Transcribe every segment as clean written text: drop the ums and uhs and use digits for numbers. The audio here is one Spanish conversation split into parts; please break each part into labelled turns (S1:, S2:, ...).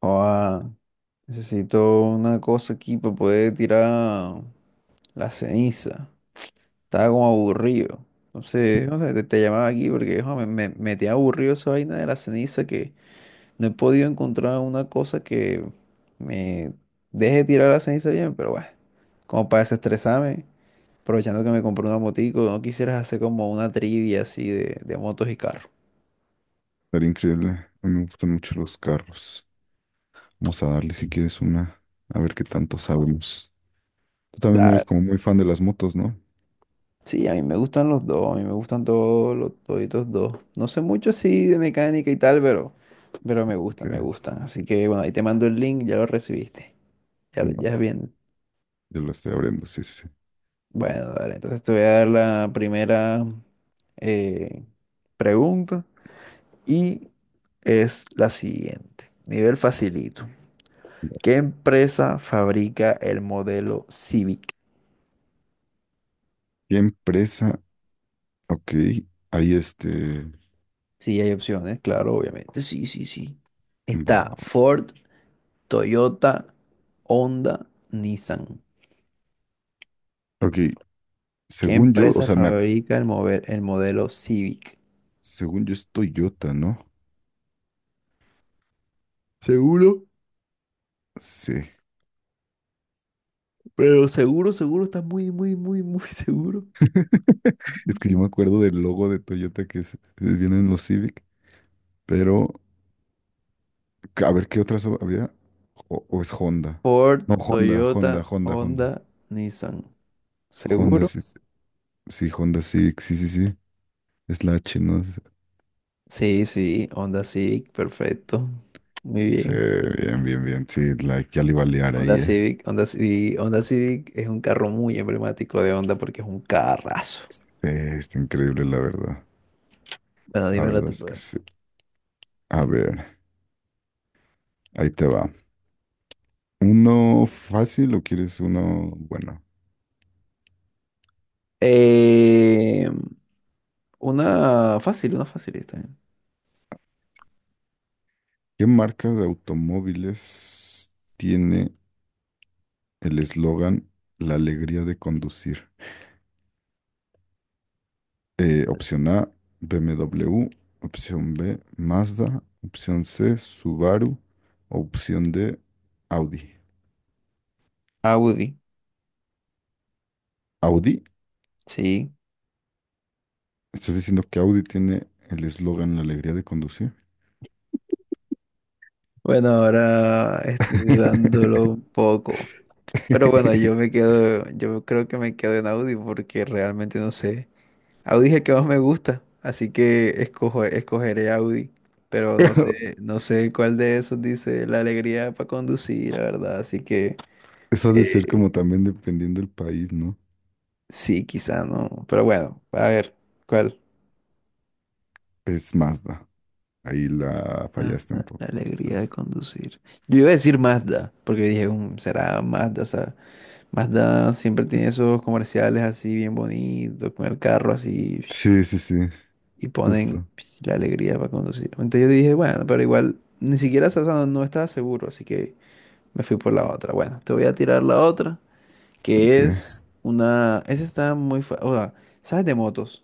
S1: Ah, necesito una cosa aquí para poder tirar la ceniza. Estaba como aburrido. Entonces, no sé, te llamaba aquí porque jo, me tiene aburrido esa vaina de la ceniza que no he podido encontrar una cosa que me deje tirar la ceniza bien, pero bueno, como para desestresarme, aprovechando que me compré una motico, no quisieras hacer como una trivia así de motos y carros.
S2: Estaría increíble. A mí me gustan mucho los carros. Vamos a darle si quieres una, a ver qué tanto sabemos. Tú también eres como muy fan de las motos, ¿no?
S1: Sí, a mí me gustan los dos, a mí me gustan todos los toditos dos. No sé mucho así de mecánica y tal, pero me gustan,
S2: Ok,
S1: me gustan. Así que bueno, ahí te mando el link, ya lo recibiste. Ya,
S2: va,
S1: ya es bien.
S2: yo lo estoy abriendo, sí, sí, sí.
S1: Bueno, dale, entonces te voy a dar la primera eh, pregunta y es la siguiente. Nivel facilito.
S2: Va.
S1: ¿Qué empresa fabrica el modelo Civic?
S2: ¿Qué empresa? Ok, ahí este.
S1: Sí, hay opciones, claro, obviamente. Sí, sí, sí.
S2: Va,
S1: Está
S2: va, va.
S1: Ford, Toyota, Honda, Nissan.
S2: Ok,
S1: ¿Qué
S2: según yo, o
S1: empresa
S2: sea,
S1: fabrica el modelo Civic?
S2: según yo es Toyota, ¿no?
S1: Seguro,
S2: Sí.
S1: pero seguro, seguro, estás muy, muy, muy, muy seguro.
S2: Es que yo me acuerdo del logo de Toyota que viene en los Civic, pero a ver qué otras había. O es Honda.
S1: Ford,
S2: No, Honda, Honda,
S1: Toyota,
S2: Honda, Honda.
S1: Honda, Nissan.
S2: Honda,
S1: ¿Seguro?
S2: sí, sí, sí, Honda Civic, sí, sí, sí. Es la H, ¿no?
S1: Sí, sí, Honda Civic, perfecto. Muy
S2: Sí,
S1: bien.
S2: bien, bien, bien. Sí, like, ya le iba a liar
S1: Honda
S2: ahí, eh.
S1: Civic, Honda Civic, Honda Civic es un carro muy emblemático de Honda porque es un carrazo.
S2: Está increíble, la verdad.
S1: Bueno,
S2: La
S1: dímelo
S2: verdad
S1: tú,
S2: es que
S1: poder.
S2: sí. A ver, ahí te va. ¿Uno fácil o quieres uno bueno?
S1: Eh, una fácil, una facilista.
S2: ¿Qué marca de automóviles tiene el eslogan La alegría de conducir? Opción A, BMW. Opción B, Mazda. Opción C, Subaru. Opción D, Audi.
S1: Audi,
S2: Audi,
S1: sí.
S2: estás diciendo que Audi tiene el eslogan La alegría de conducir.
S1: Bueno, ahora estoy dudándolo un poco. Pero bueno, yo creo que me quedo en Audi porque realmente no sé. Audi es el que más me gusta, así que escogeré Audi. Pero no
S2: Pero
S1: sé, no sé cuál de esos dice la alegría para conducir, la verdad. Así que
S2: eso ha de ser
S1: eh,
S2: como también dependiendo del país, ¿no?
S1: sí, quizá no. Pero bueno, a ver, ¿cuál?
S2: Es Mazda. Ahí la fallaste un
S1: Mazda, la
S2: poco.
S1: alegría de
S2: Entonces,
S1: conducir. Yo iba a decir Mazda, porque dije, "Mm, será Mazda, o sea. Mazda siempre tiene esos comerciales así bien bonitos, con el carro así,
S2: sí, sí, sí,
S1: y ponen
S2: justo.
S1: la alegría para conducir. Entonces yo dije, bueno, pero igual ni siquiera esa no estaba seguro, así que me fui por la otra. Bueno, te voy a tirar la otra,
S2: Ok.
S1: que es una... Esa está muy fácil. O sea, ¿sabes de motos?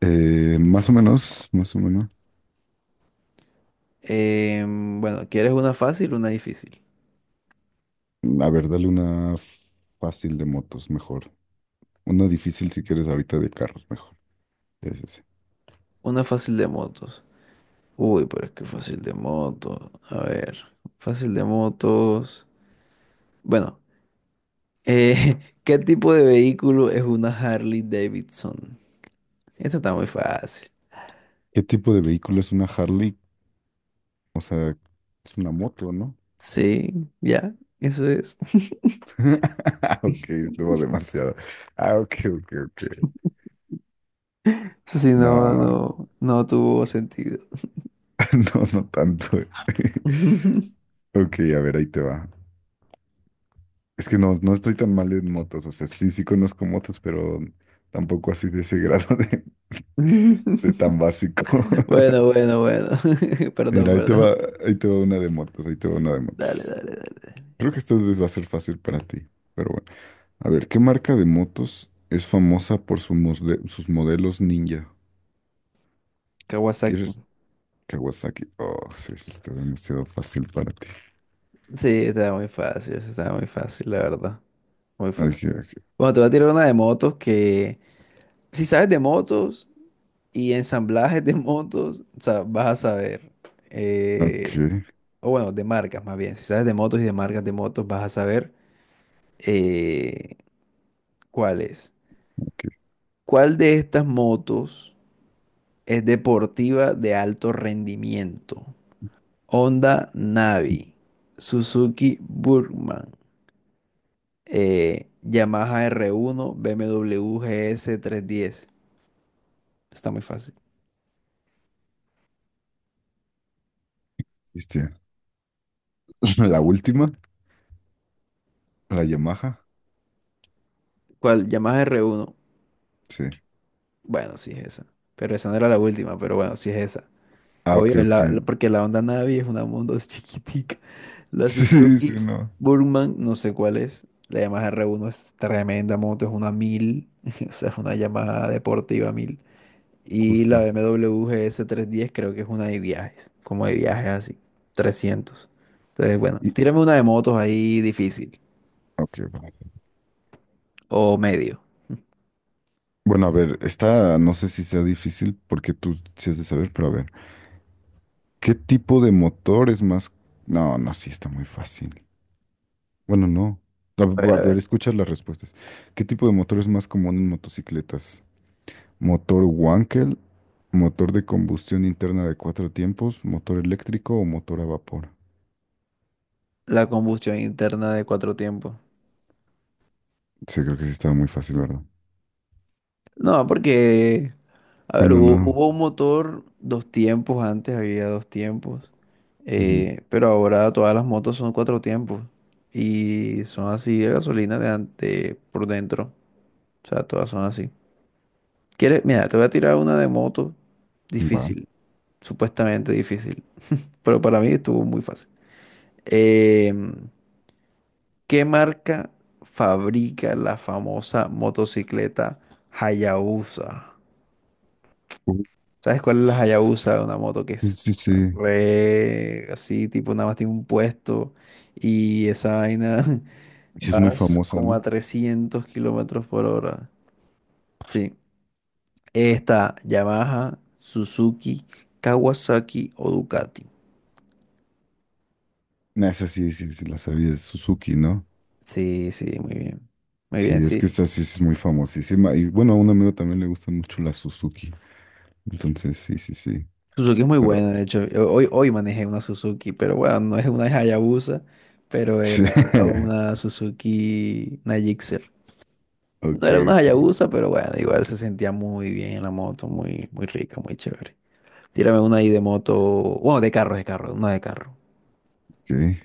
S2: Más o menos, más o menos.
S1: Bueno, ¿quieres una fácil o una difícil?
S2: A ver, dale una fácil de motos, mejor. Una difícil si quieres ahorita de carros, mejor. Sí, sí, sí.
S1: Una fácil de motos. Uy, pero es que fácil de motos. A ver, fácil de motos. Bueno. Eh, ¿qué tipo de vehículo es una Harley Davidson? Esto está muy fácil.
S2: ¿Qué tipo de vehículo es una Harley? O sea, es una moto, ¿no?
S1: Sí, ya, eso es.
S2: Ok, estuvo demasiado. Ah, ok, ok, ok.
S1: Eso sí, no,
S2: No,
S1: no, no tuvo sentido.
S2: no, no tanto. Ok, a ver, ahí te va. Es que no, no estoy tan mal en motos. O sea, sí, sí conozco motos, pero tampoco así de ese grado de tan básico.
S1: Bueno, bueno, bueno.
S2: Mira,
S1: Perdón, perdón.
S2: ahí te va una de motos, ahí te va una de
S1: Dale,
S2: motos.
S1: dale, dale.
S2: Creo que esta vez va a ser fácil para ti, pero bueno. A ver, ¿qué marca de motos es famosa por sus modelos ninja?
S1: Kawasaki.
S2: ¿Quieres Kawasaki? Oh, sí, sí, está demasiado fácil para ti.
S1: Sí, está muy fácil, eso está muy fácil, la verdad. Muy fácil.
S2: Ok, ok,
S1: Bueno, te voy a tirar una de motos que, si sabes de motos y ensamblajes de motos, o sea, vas a saber.
S2: ok,
S1: Eh, o bueno, de marcas más bien. Si sabes de motos y de marcas de motos, vas a saber eh, cuál es.
S2: ok.
S1: ¿Cuál de estas motos es deportiva de alto rendimiento? Honda Navi, Suzuki Burgman, Yamaha R1, BMW GS310. Está muy fácil.
S2: Cristian. La última, la Yamaha.
S1: ¿Cuál? Yamaha R1.
S2: Sí.
S1: Bueno, sí es esa. Pero esa no era la última, pero bueno, sí es esa.
S2: Ah, ok,
S1: Obvio,
S2: ok.
S1: porque la Honda Navi es una moto chiquitica. La
S2: Sí, sí,
S1: Suzuki
S2: no.
S1: Burman, no sé cuál es. La Yamaha R1 es tremenda moto, es una 1000, o sea, es una Yamaha deportiva mil. Y la
S2: Justo.
S1: BMW GS310 creo que es una de viajes, como de viajes así, 300. Entonces, bueno,
S2: Y,
S1: tírame una de motos ahí difícil,
S2: ok, va.
S1: o medio.
S2: Bueno, a ver, esta no sé si sea difícil porque tú sí has de saber, pero a ver. ¿Qué tipo de motor es más? No, no, sí, está muy fácil. Bueno, no. A ver,
S1: A
S2: voy
S1: ver,
S2: a
S1: a
S2: ver,
S1: ver.
S2: escucha las respuestas. ¿Qué tipo de motor es más común en motocicletas? ¿Motor Wankel? ¿Motor de combustión interna de cuatro tiempos? ¿Motor eléctrico o motor a vapor?
S1: La combustión interna de cuatro tiempos.
S2: Sí, creo que sí estaba muy fácil, ¿verdad?
S1: No, porque a ver,
S2: Bueno,
S1: hubo,
S2: no.
S1: hubo un motor dos tiempos, antes había dos tiempos,
S2: Ujú.
S1: pero ahora todas las motos son cuatro tiempos y son así de gasolina por dentro, o sea, todas son así. ¿Quieres? Mira, te voy a tirar una de moto
S2: Va.
S1: difícil, supuestamente difícil, pero para mí estuvo muy fácil. Em, ¿Qué marca fabrica la famosa motocicleta Hayabusa?
S2: Ujú.
S1: ¿Sabes cuál es la Hayabusa? Una moto que
S2: Sí,
S1: es
S2: sí, sí.
S1: re así, tipo nada más tiene un puesto y esa vaina
S2: Sí, es muy
S1: vas
S2: famosa,
S1: como a
S2: ¿no?
S1: 300 kilómetros por hora. Sí. Está Yamaha, Suzuki, Kawasaki o Ducati.
S2: Nah, esa sí, sí, sí, la sabía, es Suzuki, ¿no?
S1: Sí, sí, muy bien. Muy bien,
S2: Sí, es
S1: sí.
S2: que esta sí es muy famosísima. Y bueno, a un amigo también le gusta mucho la Suzuki. Entonces, sí, sí, sí.
S1: Suzuki es muy
S2: Pero,
S1: buena, de hecho. Hoy manejé una Suzuki, pero bueno, no es una Hayabusa, pero era
S2: sí.
S1: una Suzuki, una Gixxer. No
S2: Ok,
S1: era una
S2: ok,
S1: Hayabusa, pero bueno, igual se sentía muy bien en la moto, muy, muy rica, muy chévere. Tírame una ahí de moto, bueno, de carro, una de carro.
S2: ok.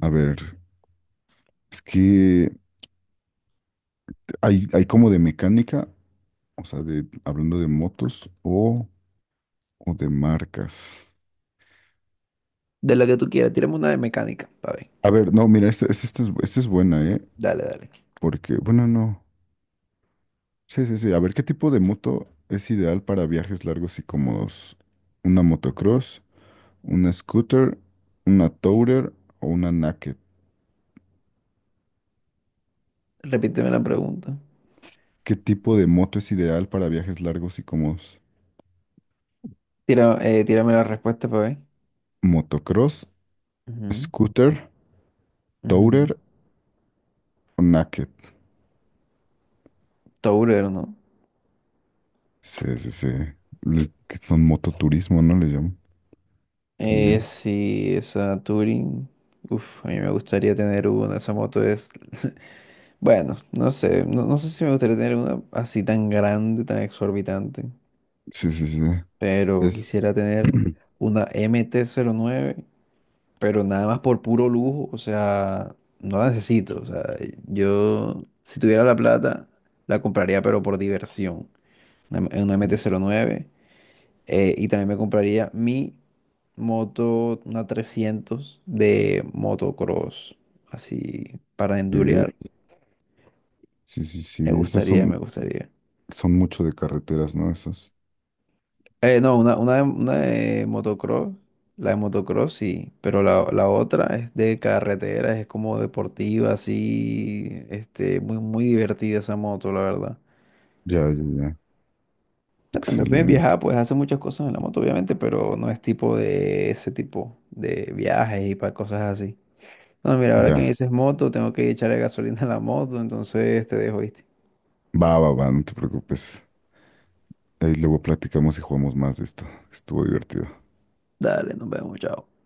S2: A ver, es que hay como de mecánica, o sea, de, hablando de motos o de marcas.
S1: De la que tú quieras, tírame una de mecánica, pa' ver.
S2: A ver, no, mira, esta es buena, ¿eh?
S1: Dale, dale.
S2: Porque, bueno, no. Sí, sí, sí. A ver, ¿qué tipo de moto es ideal para viajes largos y cómodos? ¿Una motocross, una scooter, una tourer o una naked?
S1: Repíteme la pregunta.
S2: ¿Qué tipo de moto es ideal para viajes largos y cómodos?
S1: Tírame la respuesta, pa' ver.
S2: ¿Motocross,
S1: Ujú,
S2: scooter,
S1: ujú.
S2: tourer o naked?
S1: Tourero, ¿no?
S2: Sí, sí, sí. Que son mototurismo, ¿no? Le llaman también.
S1: Sí, esa Touring. Uf, a mí me gustaría tener una. Esa moto es. Bueno, no sé. No, no sé si me gustaría tener una así tan grande, tan exorbitante,
S2: Sí, sí, sí.
S1: pero
S2: Es...
S1: quisiera tener una mt nueve, pero nada más por puro lujo, o sea, no la necesito. O sea, yo si tuviera la plata, la compraría, pero por diversión, una, una MT-09, y también me compraría mi moto, una 300 de motocross, así, para endurear,
S2: ¿qué? Sí, sí, sí.
S1: me
S2: Esas
S1: gustaría,
S2: son,
S1: me gustaría.
S2: son mucho de carreteras, ¿no? Esas.
S1: No, una de motocross, la de motocross sí, pero la otra es de carretera, es como deportiva, así, este, muy, muy divertida esa moto, la verdad.
S2: Ya, ya, ya.
S1: Ya, también puedes viajar,
S2: Excelente.
S1: puedes hacer muchas cosas en la moto, obviamente, pero no es tipo de ese tipo de viajes y para cosas así. No, mira, ahora que me
S2: Ya.
S1: dices moto, tengo que echarle gasolina a la moto, entonces te dejo, ¿viste?
S2: Va, va, va, no te preocupes. Ahí luego platicamos y jugamos más de esto. Estuvo divertido.
S1: Dale, nos vemos, chao.